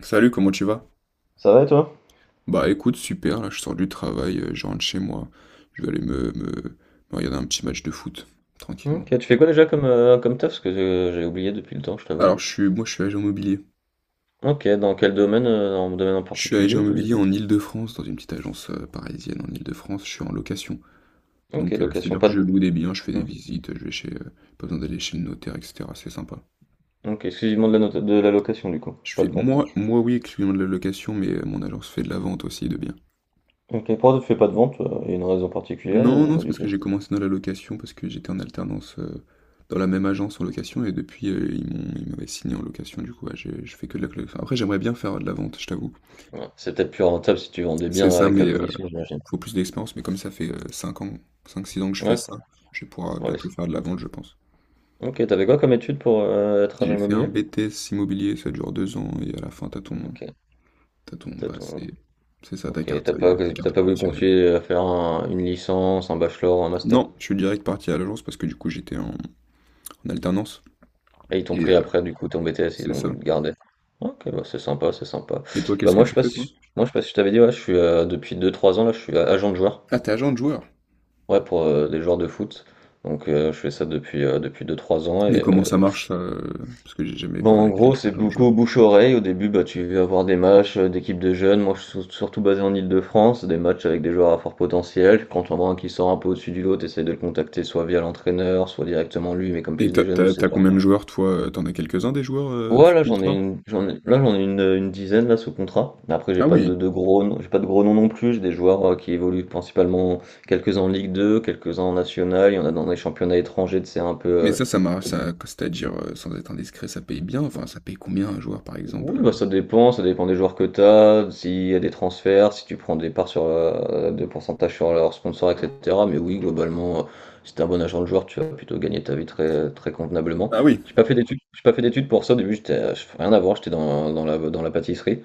Salut, comment tu vas? Ça va et toi? Bah écoute, super, là je sors du travail, je rentre chez moi. Je vais aller me regarder un petit match de foot, tranquillement. Ok, tu fais quoi déjà comme, comme taf? Parce que j'ai oublié depuis le temps, je t'avoue. Alors moi je suis agent immobilier. Ok, dans quel domaine? Dans un domaine en Je suis particulier agent ou pas du immobilier tout? en Île-de-France, dans une petite agence parisienne en Île-de-France, je suis en location. Ok, Donc location, c'est-à-dire pas que de... je loue des biens, je fais des Hmm. visites, pas besoin d'aller chez le notaire, etc. C'est sympa. Ok, exclusivement de la location du coup, Je pas fais, de vente. moi oui, exclusivement de la location, mais mon agence fait de la vente aussi de biens. Ok, pourquoi tu fais pas de vente? Il y a une raison particulière Non, ou non, pas c'est du parce tout? que j'ai commencé dans la location, parce que j'étais en alternance dans la même agence en location, et depuis, ils m'avaient signé en location, du coup, ouais, je fais que de la location. Après, j'aimerais bien faire de la vente, je t'avoue. Ouais, c'est peut-être plus rentable si tu vendais C'est bien ça, avec mais la commission, j'imagine. faut plus d'expérience, mais comme ça fait cinq six ans que je fais Ouais, ça, je vais pouvoir voilà. bientôt faire de la vente, je pense. Ok, t'avais quoi comme étude pour être agent J'ai fait un immobilier? BTS immobilier, ça dure 2 ans, et à la fin, Ok, t'as ton, t'as bah, ton... c'est, c'est ça, Ok, t'as pas, ta t'as carte pas voulu professionnelle. continuer à faire une licence, un bachelor, un master? Non, je suis direct parti à l'agence, parce que du coup, j'étais en alternance, Et ils t'ont et pris après, du coup, ton BTS, ils c'est ont voulu ça. le garder. Ok, bah c'est sympa, c'est sympa. Et toi, Bah qu'est-ce que moi, je tu fais, passe, toi? moi, je sais pas si je t'avais dit, ouais, je suis depuis deux trois ans, là, je suis agent de joueur. Ah, t'es agent de joueur. Ouais, pour des joueurs de foot. Donc, je fais ça depuis deux trois ans. Mais Et, comment ça marche ça? Parce que j'ai jamais bon, parlé à en quelqu'un gros, qui est c'est agent de joueur. beaucoup bouche-oreille. Au début, bah, tu vas avoir des matchs d'équipes de jeunes. Moi, je suis surtout basé en Île-de-France. Des matchs avec des joueurs à fort potentiel. Quand on voit un qui sort un peu au-dessus du lot, tu de le contacter soit via l'entraîneur, soit directement lui. Mais comme Et plus des jeunes, ou c'est t'as pas. combien de joueurs toi? T'en as quelques-uns des joueurs Ouais, sous là j'en ai contrat? une, j'en ai, là j'en ai une dizaine là sous contrat. Après j'ai Ah pas de, oui. de gros, noms- j'ai pas de gros noms non plus. J'ai des joueurs qui évoluent principalement quelques-uns en Ligue 2 quelques-uns en National. Il y en a dans les championnats étrangers, c'est un peu. Mais Euh, ça marche, ça, c'est-à-dire, sans être indiscret, ça paye bien. Enfin, ça paye combien un joueur par exemple? oui, bah ça dépend des joueurs que t'as, s'il y a des transferts, si tu prends des parts sur de pourcentage sur leurs sponsors, etc. Mais oui, globalement, si t'es un bon agent de joueur, tu vas plutôt gagner ta vie très très convenablement. Ah oui. J'ai pas fait d'études, j'ai pas fait d'études pour ça. Au début, j'étais, fais rien à voir, j'étais dans la pâtisserie.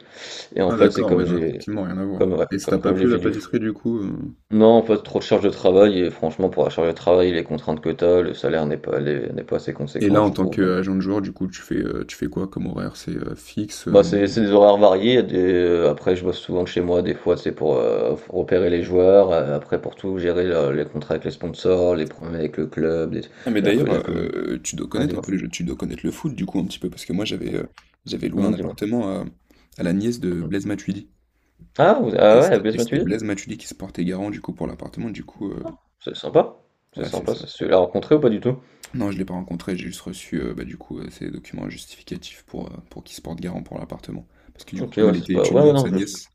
Et en Ah fait, c'est d'accord, ouais, comme non, j'ai effectivement, rien à voir. comme, ouais, Et ça comme, t'a pas comme j'ai plu fait la du foot. pâtisserie du coup? Non, en fait, trop de charge de travail, et franchement, pour la charge de travail, les contraintes que t'as, le salaire n'est pas, les- n'est pas assez Et là, conséquent, en je tant trouve. Donc, qu'agent de joueur, du coup, tu fais quoi comme horaire? C'est fixe? Bah, c'est des horaires variés. Il y a après, je bosse souvent de chez moi, des fois, c'est pour repérer les joueurs, après, pour tout, gérer les contrats avec les sponsors, les problèmes avec le club, Ah, mais d'ailleurs, la commune. Tu dois Ah, connaître un dis-moi. peu les jeux, tu dois connaître le foot du coup un petit peu, parce que moi j'avais loué un Dis-moi. appartement à la nièce de Mhm. Blaise Matuidi. Ah, Et ah ouais, c'était BS et c'était Blaise Matuidi? Matuidi qui se portait garant du coup pour l'appartement, du coup, C'est sympa. C'est ouais c'est sympa, ça. ça. Tu l'as rencontré ou pas du tout? Non, je l'ai pas rencontré, j'ai juste reçu bah, du coup ses documents justificatifs pour qu'il se porte garant pour l'appartement. Parce que du coup, Ok, comme ouais, elle c'est était pas. Ouais, ouais, étudiante, non, sa je... nièce,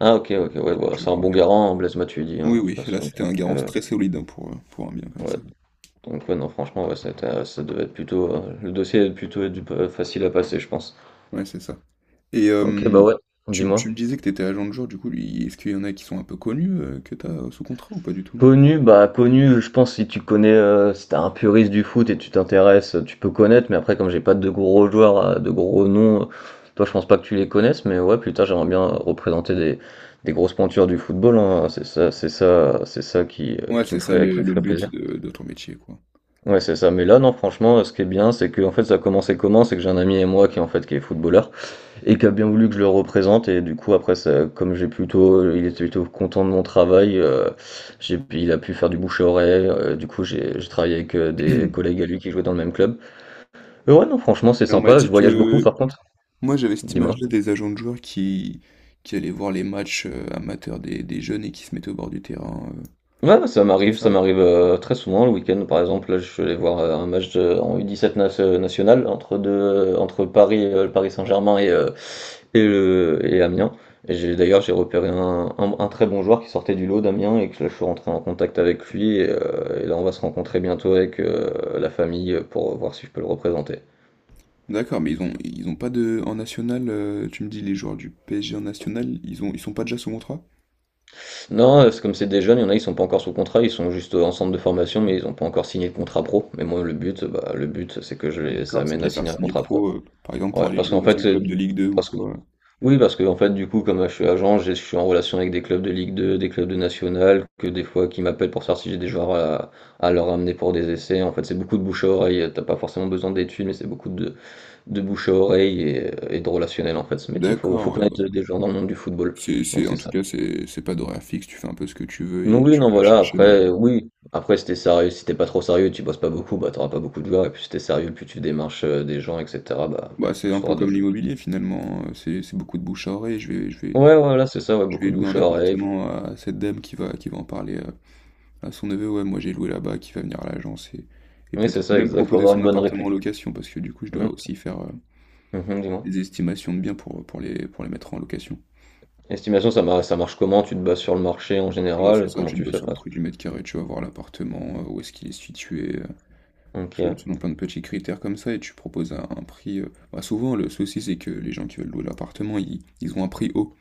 Ah OK, elle a OK, elle ouais, a bah, dû c'est un avoir un bon garant. garant, hein, Blaise Matuidi, hein, Oui, de toute oui, là façon, c'était donc un garant très solide hein, pour un bien comme ouais, ça. donc ouais, non, franchement, ouais, ça devait être plutôt, le dossier a plutôt dû p facile à passer, je pense. Ouais, c'est ça. Et OK, bah, ouais, tu dis-moi? me disais que tu étais agent de joueur du coup, lui est-ce qu'il y en a qui sont un peu connus, que tu as, sous contrat ou pas du tout? Connu, bah, connu, je pense si tu connais, si t'es un puriste du foot et tu t'intéresses, tu peux connaître, mais après comme j'ai pas de gros joueurs, de gros noms, toi, je pense pas que tu les connaisses, mais ouais, plus tard, j'aimerais bien représenter des grosses pointures du football, hein, c'est ça c'est ça qui, Ouais, qui me c'est ça ferait le qui me le ferait but plaisir. de ton métier, quoi. Ouais, c'est ça. Mais là, non, franchement, ce qui est bien, c'est que en fait, ça a commencé comment? C'est que j'ai un ami et moi qui en fait qui est footballeur et qui a bien voulu que je le représente. Et du coup, après, ça, comme j'ai plutôt, il était plutôt content de mon travail. Euh, il a pu faire du bouche à oreille. Euh, du coup, j'ai travaillé avec des collègues à lui qui jouaient dans le même club. Mais ouais, non, franchement, c'est Et on m'a sympa. Je dit voyage beaucoup, par que contre. moi, j'avais cette Dis-moi. image-là des agents de joueurs qui allaient voir les matchs, amateurs des jeunes et qui se mettaient au bord du terrain, Ouais, ouais, c'est ça ça? m'arrive, très souvent le week-end. Par exemple, là, je suis allé voir, un match de en U17 nas national entre 2, entre Paris, le Paris Saint-Germain et le et Amiens. Et j'ai d'ailleurs, j'ai repéré un très bon joueur qui sortait du lot d'Amiens et que là, je suis rentré en contact avec lui et là, on va se rencontrer bientôt avec, la famille, pour voir si je peux le représenter. D'accord, mais ils ont pas de en national, tu me dis les joueurs du PSG en national, ils sont pas déjà sous contrat? Non, c'est comme c'est des jeunes, il y en a, ils sont pas encore sous contrat, ils sont juste, en centre de formation, mais ils ont pas encore signé de contrat pro. Mais moi, le but, bah, le but, c'est que je Ah les d'accord, c'est de amène les à faire signer un signer contrat pro. pro, par exemple pour Ouais, aller parce jouer qu'en dans un fait, club de Ligue 2 ou parce que, quoi. oui, parce que en fait, du coup, comme je suis agent, je suis en relation avec des clubs de Ligue 2, des clubs de National, que des fois qui m'appellent pour savoir si j'ai des joueurs à leur amener pour des essais. En fait, c'est beaucoup de bouche à oreille. T'as pas forcément besoin d'études, mais c'est beaucoup de bouche à oreille et de relationnel en fait, ce métier. Faut D'accord, ouais, connaître bah, des gens dans le monde du football. C'est, c'est, Donc en c'est tout ça. cas, c'est pas d'horaire fixe, tu fais un peu ce que tu veux Donc et oui, tu non, vas voilà. chercher dans les... Après, oui. Après, si t'es sérieux, si t'es pas trop sérieux, tu bosses pas beaucoup, bah t'auras pas beaucoup de joueurs. Et puis si t'es sérieux, plus tu démarches des gens, etc. Bah Bah, c'est un plus peu t'auras de. comme l'immobilier finalement, c'est beaucoup de bouche à oreille, Ouais, voilà, c'est ça. Ouais, je beaucoup vais de louer bouche un à oreille. appartement à cette dame qui va en parler à son neveu, ouais, moi j'ai loué là-bas, qui va venir à l'agence et Oui, c'est peut-être ça, même exact. Faut proposer avoir son une bonne appartement en réputation. location parce que du coup, je dois Mhm, aussi faire mhm, dis-moi. des estimations de biens pour les mettre en location. Estimation, ça, ça marche comment? Tu te bases sur le marché en Bah, c'est général? ça, Comment tu te tu bases fais? sur le Par prix du mètre carré, tu vas voir l'appartement, où est-ce qu'il est situé. exemple, ok. Selon plein de petits critères comme ça, et tu proposes un prix. Bah, souvent, le souci, c'est que les gens qui veulent louer l'appartement, ils ont un prix haut.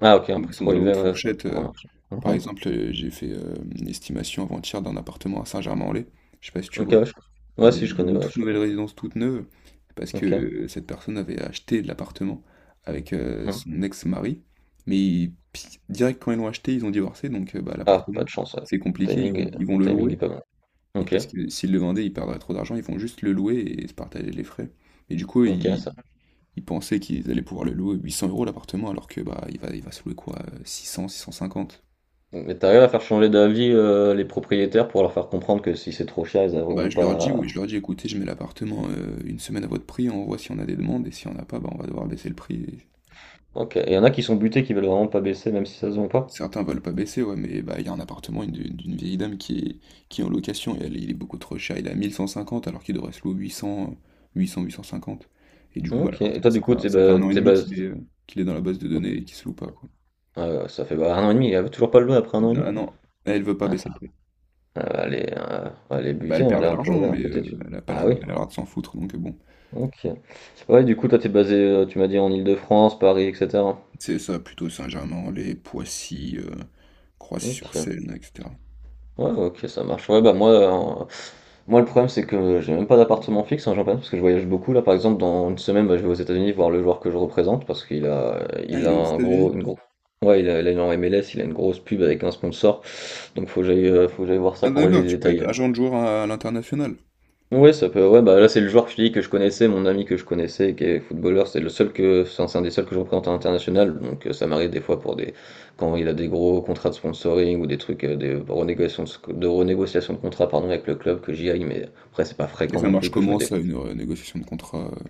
Ah, ok, un Ils prix sont trop dans la élevé, haute ouais, fourchette. ça remarche. Par Mhm. exemple, j'ai fait une estimation avant-hier d'un appartement à Saint-Germain-en-Laye. Je sais pas si tu Ok, vois. ouais, je... ouais, si, je Dans connais, une ouais, toute je nouvelle connais. résidence, toute neuve. Parce que Ok. Cette personne avait acheté de l'appartement avec Mhm. son ex-mari. Mais direct quand ils l'ont acheté, ils ont divorcé. Donc, bah, Ah, pas l'appartement, de chance, ouais. c'est compliqué. Ils Timing, vont, ils vont le timing est louer. pas bon. Oui, Ok, parce que s'ils le vendaient, ils perdraient trop d'argent, ils vont juste le louer et se partager les frais. Et du coup, ok, ça. ils pensaient qu'ils allaient pouvoir le louer 800 € l'appartement, alors que bah il va se louer quoi, 600, 650. Mais t'arrives à faire changer d'avis les propriétaires pour leur faire comprendre que si c'est trop cher, ils Bah n'auront je leur dis, pas. oui, je leur dis, écoutez, je mets l'appartement une semaine à votre prix, on voit si on a des demandes, et si on n'a pas, bah on va devoir baisser le prix. Ok. Il y en a qui sont butés, qui veulent vraiment pas baisser, même si ça se vend pas. Certains veulent pas baisser, ouais, mais bah, il y a un appartement d'une vieille dame qui est en location et elle, il est beaucoup trop cher. Il est à 1150 alors qu'il devrait se louer 800, 850. Et du coup, bah, Ok. Et l'appartement, toi, du coup, ça fait un an et t'es demi bas... qu'il est dans la base de données et qu'il se loue pas, quoi. Ah ouais, ça fait, bah, 1 an et demi, il avait toujours pas le doigt après un an et demi? Ah non, elle veut pas Ah baisser ça le prix. elle va aller, elle va les Bah, buter, elle hein, perd de là, l'argent, un mais peu têtue. Elle a pas l'air Ah de, oui? elle a l'air de s'en foutre, donc bon. OK. Ouais, du coup, toi, tu basé, tu m'as dit en Île-de-France, Paris et cetera? C'est ça, plutôt Saint-Germain-en-Laye, Poissy, OK. Croissy-sur-Seine, etc. Ouais, OK, ça marche. Ouais, bah, moi, le problème, c'est que j'ai même pas d'appartement fixe, en j'en parle parce que je voyage beaucoup. Là, par exemple, dans une semaine, bah, je vais aux États-Unis voir le joueur que je représente parce qu'Ah, il a il est aux un gros États-Unis. une grosse... Ouais, il est en MLS, il a une grosse pub avec un sponsor, donc faut que j'aille voir ça Ah pour régler d'accord, les tu peux être détails. agent de joueur à l'international. Ouais, ça peut ouais, bah, là, c'est le joueur que je te dis que je connaissais, mon ami que je connaissais, qui est footballeur, c'est le seul que enfin, c'est un des seuls que je représente à l'international, donc ça m'arrive des fois pour des quand il a des gros contrats de sponsoring ou des trucs des renégociations de renégociation de contrat pardon avec le club que j'y aille, mais après c'est pas Et fréquent ça non marche plus que je me comment déplace. ça, une négociation de contrat?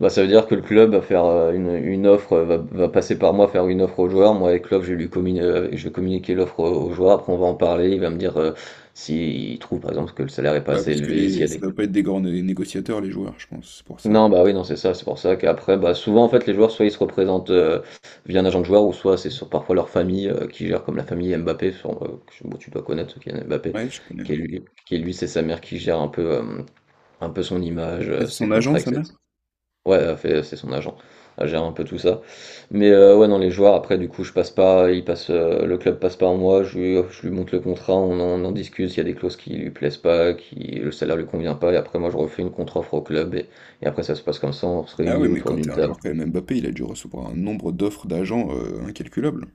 Bah ça veut dire que le club va faire une offre, va passer par moi faire une offre au joueur, moi avec le club je vais communiquer l'offre au joueur, après on va en parler, il va me dire s'il trouve par exemple que le salaire est pas Ouais, assez parce que élevé, s'il y a ça des... doit pas être des grands négociateurs, les joueurs, je pense, c'est pour ça. Non, bah oui, non, c'est ça. C'est pour ça qu'après, bah, souvent, en fait, les joueurs, soit ils se représentent via un agent de joueur, ou soit c'est sur parfois leur famille qui gère, comme la famille Mbappé. Sur, bon, tu dois connaître Kylian Mbappé, Ouais, je connais, ouais. Qui est lui, c'est sa mère qui gère un peu son image, Ah, c'est ses son agent, contrats, sa mère? etc. Ouais, fait c'est son agent. Elle gère un peu tout ça. Mais, ouais, non, les joueurs après du coup je passe pas, il passe, le club passe par moi, je lui montre le contrat, on en discute, il y a des clauses qui lui plaisent pas, qui le salaire lui convient pas et après moi je refais une contre-offre au club et après ça se passe comme ça, on se Ah oui, réunit mais autour quand t'es d'une un table. joueur quand même Mbappé, il a dû recevoir un nombre d'offres d'agents incalculable.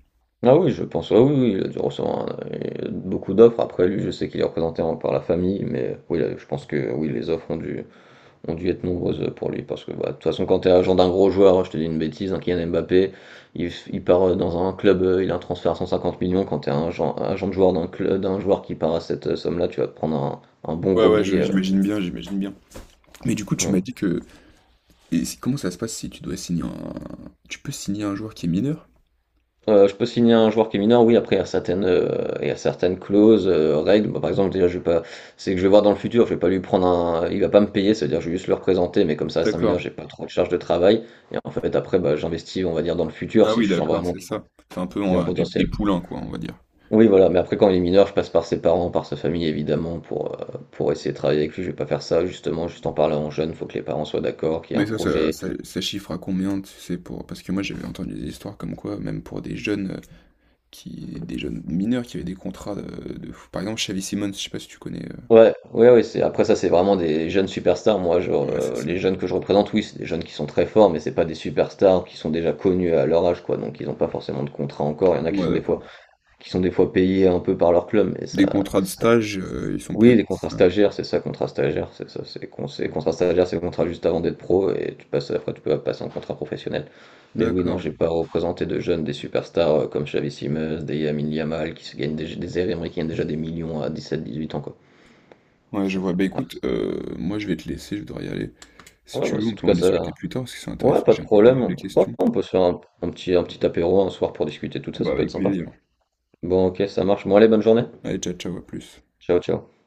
Ah oui, je pense, ah oui, oui, il a dû recevoir un beaucoup d'offres. Après lui, je sais qu'il est représenté en par la famille, mais oui, là, je pense que oui, les offres ont dû être nombreuses pour lui. Parce que bah, de toute façon, quand tu es agent d'un gros joueur, je te dis une bêtise, un Kylian Mbappé, il part dans un club, il a un transfert à 150 millions. Quand tu es un agent, agent de joueur d'un club, d'un joueur qui part à cette somme-là, tu vas te prendre un bon Ouais, gros ouais, billet. Euh, j'imagine bien, j'imagine bien. Mais du coup, tu ouais. m'as dit que... Et comment ça se passe si tu dois signer un... Tu peux signer un joueur qui est mineur? Je peux signer un joueur qui est mineur, oui, après il y a certaines, il y a certaines clauses, règles. Bah, par exemple, déjà, je vais pas, c'est que je vais voir dans le futur, je vais pas lui prendre un, il va pas me payer, c'est-à-dire je vais juste le représenter, mais comme ça reste un D'accord. mineur, j'ai pas trop de charge de travail. Et en fait, après, bah, j'investis, on va dire, dans le futur, Ah si oui, je sens d'accord, vraiment c'est ça. C'est un peu qu'il a un potentiel. des poulains, quoi, on va dire. Oui, voilà, mais après quand il est mineur, je passe par ses parents, par sa famille évidemment pour essayer de travailler avec lui. Je vais pas faire ça justement, juste en parlant jeune, faut que les parents soient d'accord, qu'il y ait Mais un projet. Ça chiffre à combien, tu sais, pour... Parce que moi, j'avais entendu des histoires comme quoi, même pour des jeunes des jeunes mineurs qui avaient des contrats de fou. Par exemple, Xavi Simons, je sais pas si tu connais. Ouais, ouais, ouais, c'est après ça, c'est vraiment des jeunes superstars. Moi, genre, Ouais, c'est ça. les jeunes que je représente, oui, c'est des jeunes qui sont très forts, mais c'est pas des superstars qui sont déjà connus à leur âge quoi, donc ils ont pas forcément de contrat encore. Il y en a qui Ouais, sont des fois d'accord. Payés un peu par leur club, mais ça... Des contrats de stage, ils sont Oui, peut-être les contrats ça. stagiaires, c'est ça, contrat stagiaire, c'est ça, contrat stagiaire, c'est le contrat juste avant d'être pro et tu passes après tu peux passer en contrat professionnel. Mais oui, non, D'accord. j'ai pas représenté de jeunes, des superstars comme Xavi Simons, des Lamine Yamal qui se gagnent des Américains qui gagnent déjà des millions à dix 18 ans quoi. Ouais, je C'est- vois. Bah ah, écoute, moi, je vais te laisser, je dois y aller. Si ouais, tu ouais, veux, on en tout peut en cas discuter ça. plus tard, parce que c'est Ouais, intéressant, pas de j'ai encore pas mal de problème. Ouais, questions. on peut se faire un petit apéro un soir pour discuter de tout ça, Bah, ça peut être avec sympa. plaisir. Bon, ok, ça marche. Bon, allez, bonne journée. Allez, ciao, ciao, à plus. Ciao, ciao.